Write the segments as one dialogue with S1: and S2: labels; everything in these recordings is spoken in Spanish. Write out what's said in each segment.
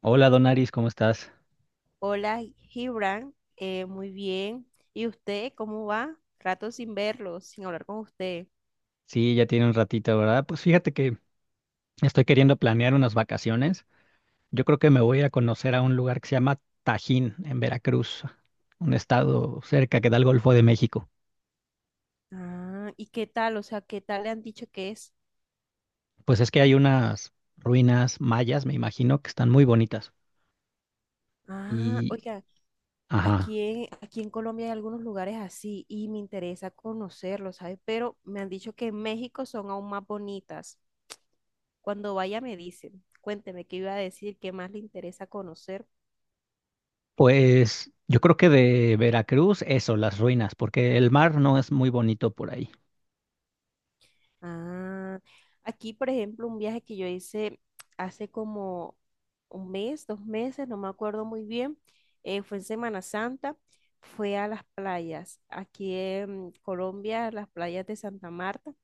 S1: Hola Donaris, ¿cómo estás?
S2: Hola, Gibran. Muy bien. ¿Y usted cómo va? Rato sin verlo, sin hablar con usted.
S1: Sí, ya tiene un ratito, ¿verdad? Pues fíjate que estoy queriendo planear unas vacaciones. Yo creo que me voy a ir a conocer a un lugar que se llama Tajín, en Veracruz, un estado cerca que da al Golfo de México.
S2: Ah, ¿y qué tal? O sea, ¿qué tal le han dicho que es?
S1: Pues es que hay unas ruinas mayas, me imagino, que están muy bonitas.
S2: Ah,
S1: Y,
S2: oiga,
S1: ajá,
S2: aquí en Colombia hay algunos lugares así y me interesa conocerlos, ¿sabes? Pero me han dicho que en México son aún más bonitas. Cuando vaya me dicen, cuénteme qué iba a decir, qué más le interesa conocer.
S1: pues yo creo que de Veracruz, eso, las ruinas, porque el mar no es muy bonito por ahí.
S2: Ah, aquí, por ejemplo, un viaje que yo hice hace como un mes, dos meses, no me acuerdo muy bien, fue en Semana Santa, fue a las playas, aquí en Colombia, las playas de Santa Marta,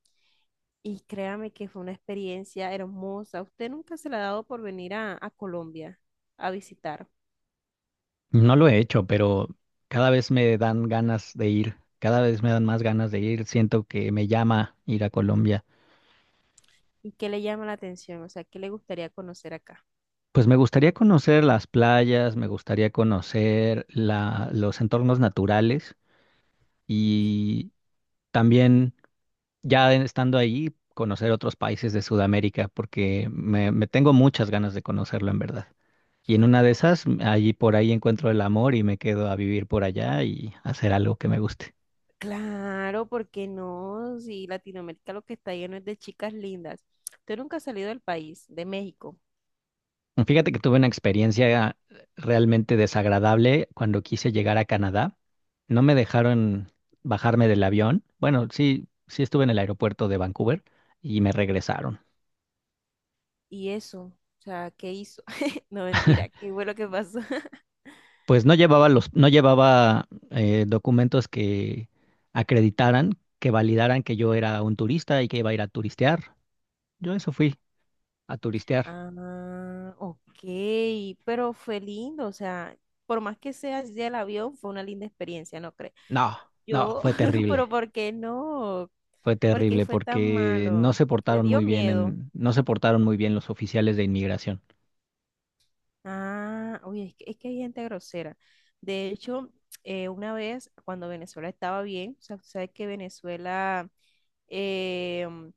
S2: y créame que fue una experiencia hermosa. ¿Usted nunca se le ha dado por venir a Colombia a visitar?
S1: No lo he hecho, pero cada vez me dan ganas de ir, cada vez me dan más ganas de ir, siento que me llama ir a Colombia.
S2: ¿Y qué le llama la atención? O sea, ¿qué le gustaría conocer acá?
S1: Pues me gustaría conocer las playas, me gustaría conocer los entornos naturales y también ya estando ahí, conocer otros países de Sudamérica, porque me tengo muchas ganas de conocerlo en verdad. Y en una de esas, allí por ahí encuentro el amor y me quedo a vivir por allá y hacer algo que me guste.
S2: Claro, ¿porque no? Si Latinoamérica lo que está lleno es de chicas lindas. Usted nunca ha salido del país, de México.
S1: Fíjate que tuve una experiencia realmente desagradable cuando quise llegar a Canadá. No me dejaron bajarme del avión. Bueno, sí, sí estuve en el aeropuerto de Vancouver y me regresaron.
S2: ¿Y eso? O sea, ¿qué hizo? No, mentira, ¿qué fue lo que pasó?
S1: Pues no llevaba los, no llevaba documentos que acreditaran, que validaran que yo era un turista y que iba a ir a turistear. Yo eso fui a turistear.
S2: Ah, ok, pero fue lindo, o sea, por más que sea así el avión, fue una linda experiencia, ¿no cree?
S1: No, no,
S2: Yo,
S1: fue
S2: pero
S1: terrible.
S2: ¿por qué no?
S1: Fue
S2: ¿Por qué
S1: terrible
S2: fue tan
S1: porque no
S2: malo?
S1: se
S2: ¿Le
S1: portaron
S2: dio
S1: muy bien
S2: miedo?
S1: en, no se portaron muy bien los oficiales de inmigración.
S2: Ah, oye, es que hay gente grosera. De hecho, una vez cuando Venezuela estaba bien, o sea, tú sabes que Venezuela em,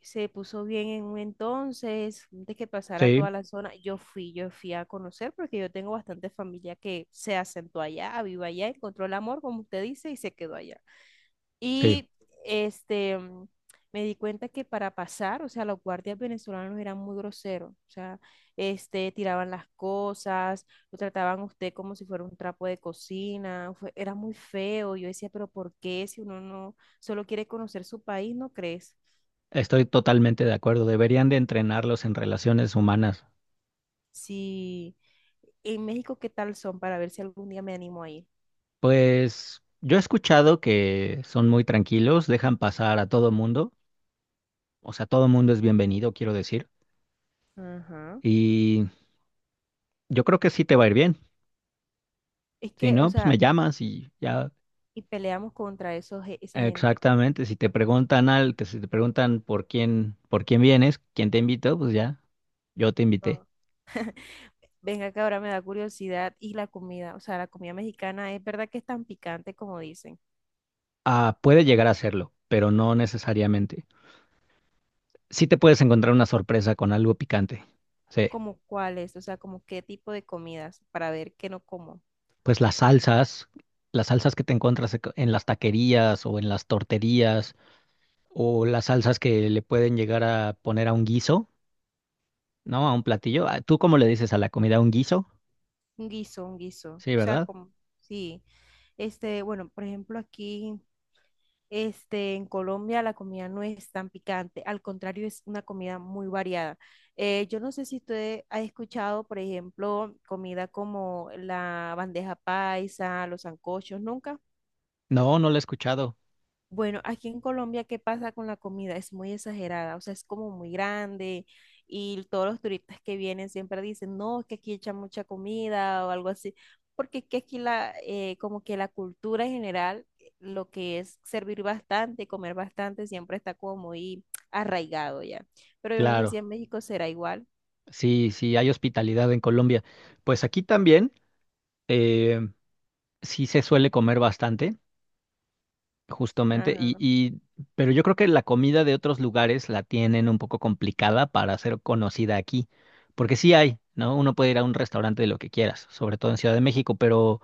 S2: se puso bien en un entonces, antes que pasara
S1: Sí,
S2: toda la zona, yo fui a conocer porque yo tengo bastante familia que se asentó allá, vive allá, encontró el amor, como usted dice, y se quedó allá.
S1: sí,
S2: Y este, me di cuenta que para pasar, o sea, los guardias venezolanos eran muy groseros, o sea, este, tiraban las cosas, lo trataban a usted como si fuera un trapo de cocina, era muy feo. Yo decía, pero ¿por qué si uno no solo quiere conocer su país, no crees?
S1: estoy totalmente de acuerdo. Deberían de entrenarlos en relaciones humanas.
S2: Si en México, ¿qué tal son para ver si algún día me animo a ir?
S1: Pues yo he escuchado que son muy tranquilos, dejan pasar a todo mundo. O sea, todo mundo es bienvenido, quiero decir.
S2: Ajá.
S1: Y yo creo que sí te va a ir bien.
S2: Es
S1: Si
S2: que, o
S1: no, pues me
S2: sea,
S1: llamas y ya.
S2: y peleamos contra esos, esa gente.
S1: Exactamente. Si te preguntan al, que si te preguntan por quién vienes, quién te invitó, pues ya, yo te invité.
S2: Venga, que ahora me da curiosidad. Y la comida, o sea, la comida mexicana, ¿es verdad que es tan picante como dicen?
S1: Ah, puede llegar a serlo, pero no necesariamente. Sí te puedes encontrar una sorpresa con algo picante. Sí,
S2: ¿Como cuáles? O sea, como qué tipo de comidas para ver qué no como.
S1: pues las salsas que te encuentras en las taquerías o en las torterías o las salsas que le pueden llegar a poner a un guiso, ¿no? A un platillo. Ah, ¿tú cómo le dices a la comida un guiso?
S2: Un guiso, un guiso.
S1: Sí,
S2: O sea,
S1: ¿verdad?
S2: como, sí. Este, bueno, por ejemplo, aquí, este, en Colombia la comida no es tan picante. Al contrario, es una comida muy variada. Yo no sé si usted ha escuchado, por ejemplo, comida como la bandeja paisa, los sancochos. ¿Nunca?
S1: No, no lo he escuchado.
S2: Bueno, aquí en Colombia, ¿qué pasa con la comida? Es muy exagerada, o sea, es como muy grande y todos los turistas que vienen siempre dicen, no, es que aquí echan mucha comida o algo así, porque es que aquí la, como que la cultura en general, lo que es servir bastante, comer bastante, siempre está como muy arraigado ya. Pero yo no sé si
S1: Claro,
S2: en México será igual.
S1: sí, sí, hay hospitalidad en Colombia. Pues aquí también eh, sí se suele comer bastante. Justamente,
S2: Ajá.
S1: pero yo creo que la comida de otros lugares la tienen un poco complicada para ser conocida aquí, porque sí hay, ¿no? Uno puede ir a un restaurante de lo que quieras, sobre todo en Ciudad de México,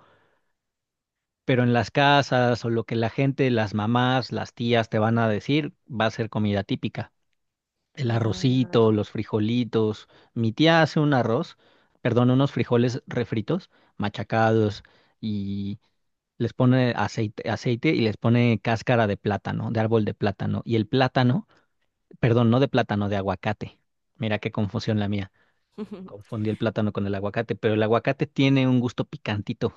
S1: pero en las casas o lo que la gente, las mamás, las tías te van a decir, va a ser comida típica. El arrocito,
S2: Ah.
S1: los frijolitos. Mi tía hace un arroz, perdón, unos frijoles refritos, machacados les pone aceite, aceite y les pone cáscara de plátano, de árbol de plátano. Y el plátano, perdón, no de plátano, de aguacate. Mira qué confusión la mía. Confundí el plátano con el aguacate, pero el aguacate tiene un gusto picantito.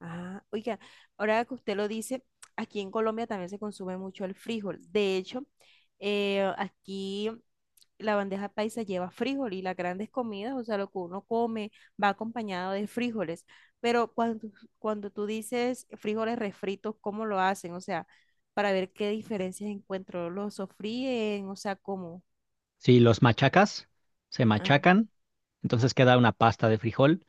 S2: Ah, oiga, ahora que usted lo dice, aquí en Colombia también se consume mucho el frijol. De hecho, aquí la bandeja paisa lleva frijol y las grandes comidas, o sea, lo que uno come va acompañado de frijoles. Pero cuando tú dices frijoles refritos, ¿cómo lo hacen? O sea, para ver qué diferencias encuentro, ¿lo sofríen? O sea, ¿cómo?
S1: Si los machacas, se
S2: Ah,
S1: machacan, entonces queda una pasta de frijol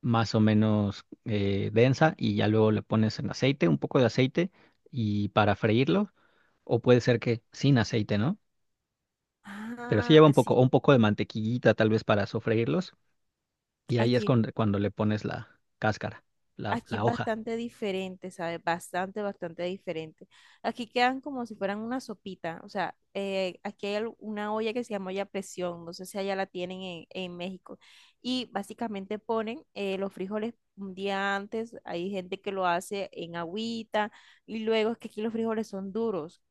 S1: más o menos densa y ya luego le pones en aceite, un poco de aceite y para freírlo, o puede ser que sin aceite, ¿no? Pero sí
S2: ah,
S1: lleva un poco, o
S2: sí,
S1: un poco de mantequillita tal vez para sofreírlos. Y ahí es
S2: aquí
S1: cuando, cuando le pones la cáscara,
S2: aquí es
S1: la hoja.
S2: bastante diferente, ¿sabes? Bastante, bastante diferente. Aquí quedan como si fueran una sopita. O sea, aquí hay una olla que se llama olla a presión. No sé si allá la tienen en México. Y básicamente ponen los frijoles un día antes. Hay gente que lo hace en agüita. Y luego es que aquí los frijoles son duros.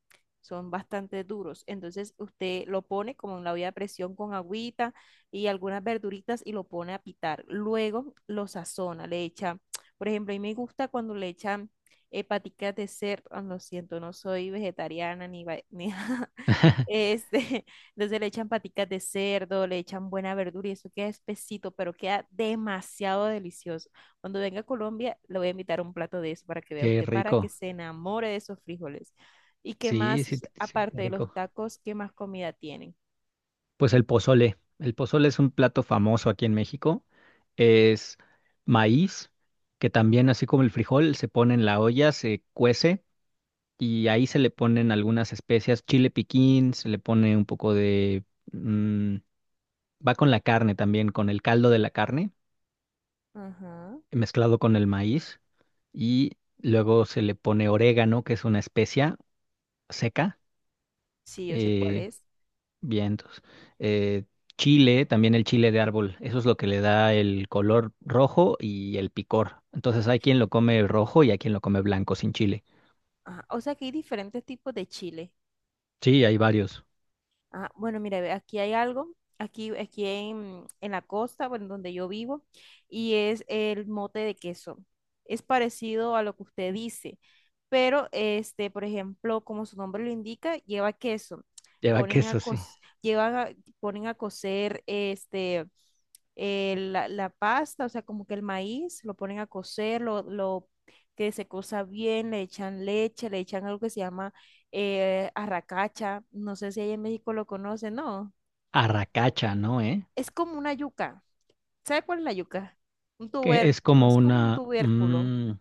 S2: Son bastante duros. Entonces usted lo pone como en la olla a presión con agüita y algunas verduritas y lo pone a pitar. Luego lo sazona, le echa. Por ejemplo, a mí me gusta cuando le echan paticas de cerdo. Ah, lo siento, no soy vegetariana ni este, entonces le echan paticas de cerdo, le echan buena verdura y eso queda espesito, pero queda demasiado delicioso. Cuando venga a Colombia, le voy a invitar un plato de eso para que vea
S1: Qué
S2: usted, para que
S1: rico.
S2: se enamore de esos frijoles. ¿Y qué
S1: Sí, sí,
S2: más,
S1: sí, qué
S2: aparte de los
S1: rico.
S2: tacos, qué más comida tienen?
S1: Pues el pozole. El pozole es un plato famoso aquí en México. Es maíz, que también, así como el frijol, se pone en la olla, se cuece y ahí se le ponen algunas especias, chile piquín, se le pone un poco de... mm, va con la carne también, con el caldo de la carne,
S2: Ajá.
S1: mezclado con el maíz y luego se le pone orégano, que es una especia seca.
S2: Sí, yo sé cuál
S1: Eh,
S2: es.
S1: vientos. Eh, chile, también el chile de árbol, eso es lo que le da el color rojo y el picor. Entonces hay quien lo come rojo y hay quien lo come blanco sin chile.
S2: Ajá, o sea que hay diferentes tipos de chile.
S1: Sí, hay varios.
S2: Ah, bueno, mira, ve, aquí hay algo, aquí, en la costa, bueno, donde yo vivo, y es el mote de queso. Es parecido a lo que usted dice, pero este, por ejemplo, como su nombre lo indica, lleva queso.
S1: Lleva
S2: Ponen a
S1: queso,
S2: co-
S1: sí.
S2: llevan a- ponen a cocer este la pasta, o sea, como que el maíz, lo ponen a cocer, lo que se cosa bien, le echan leche, le echan algo que se llama arracacha, no sé si allá en México lo conocen, no,
S1: Arracacha, ¿no? ¿Eh?
S2: es como una yuca. ¿Sabe cuál es la yuca? Un
S1: Que es
S2: tubérculo,
S1: como
S2: es como un
S1: una...
S2: tubérculo.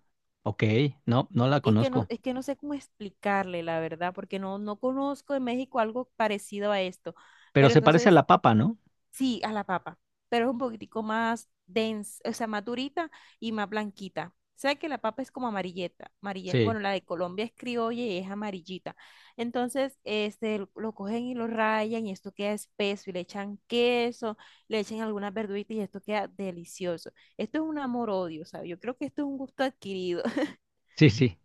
S1: ok, no, no la conozco.
S2: Es que no sé cómo explicarle, la verdad, porque no, no conozco en México algo parecido a esto.
S1: Pero
S2: Pero
S1: se parece a
S2: entonces
S1: la papa, ¿no?
S2: sí, a la papa, pero es un poquitico más densa, o sea, más durita y más blanquita. ¿Sabes que la papa es como amarilleta?
S1: Sí,
S2: Bueno, la de Colombia es criolla y es amarillita. Entonces, este, lo cogen y lo rayan y esto queda espeso y le echan queso, le echan algunas verduritas y esto queda delicioso. Esto es un amor-odio, ¿sabes? Yo creo que esto es un gusto adquirido.
S1: sí, sí,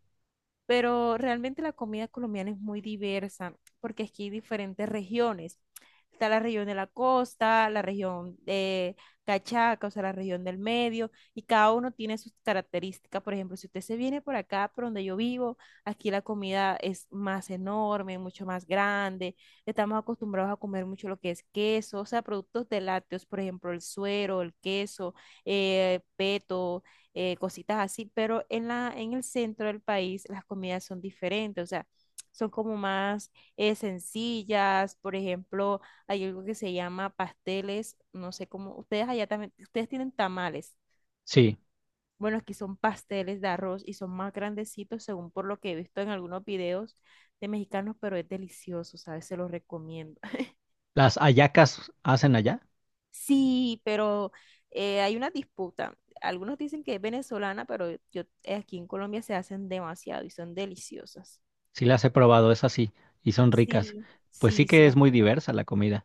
S2: Pero realmente la comida colombiana es muy diversa porque aquí hay diferentes regiones. Está la región de la costa, la región de Cachaca, o sea, la región del medio, y cada uno tiene sus características. Por ejemplo, si usted se viene por acá, por donde yo vivo, aquí la comida es más enorme, mucho más grande. Estamos acostumbrados a comer mucho lo que es queso, o sea, productos de lácteos, por ejemplo, el suero, el queso, peto cositas así, pero en en el centro del país las comidas son diferentes, o sea, son como más sencillas, por ejemplo, hay algo que se llama pasteles, no sé cómo, ustedes allá también, ustedes tienen tamales,
S1: sí.
S2: bueno, aquí son pasteles de arroz y son más grandecitos según por lo que he visto en algunos videos de mexicanos, pero es delicioso, ¿sabes? Se los recomiendo.
S1: Las hallacas hacen allá.
S2: Sí, pero hay una disputa. Algunos dicen que es venezolana, pero yo aquí en Colombia se hacen demasiado y son deliciosas.
S1: Sí las he probado, es así. Y son ricas.
S2: Sí,
S1: Pues sí
S2: sí,
S1: que
S2: sí,
S1: es muy
S2: aquí las-
S1: diversa la comida.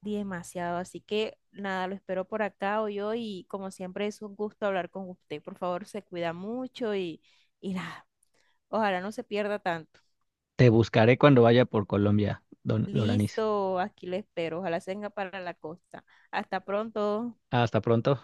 S2: demasiado. Así que nada, lo espero por acá hoy yo y como siempre es un gusto hablar con usted. Por favor, se cuida mucho y nada, ojalá no se pierda tanto.
S1: Te buscaré cuando vaya por Colombia, don Loranis.
S2: Listo, aquí le espero. Ojalá se venga para la costa. Hasta pronto.
S1: Hasta pronto.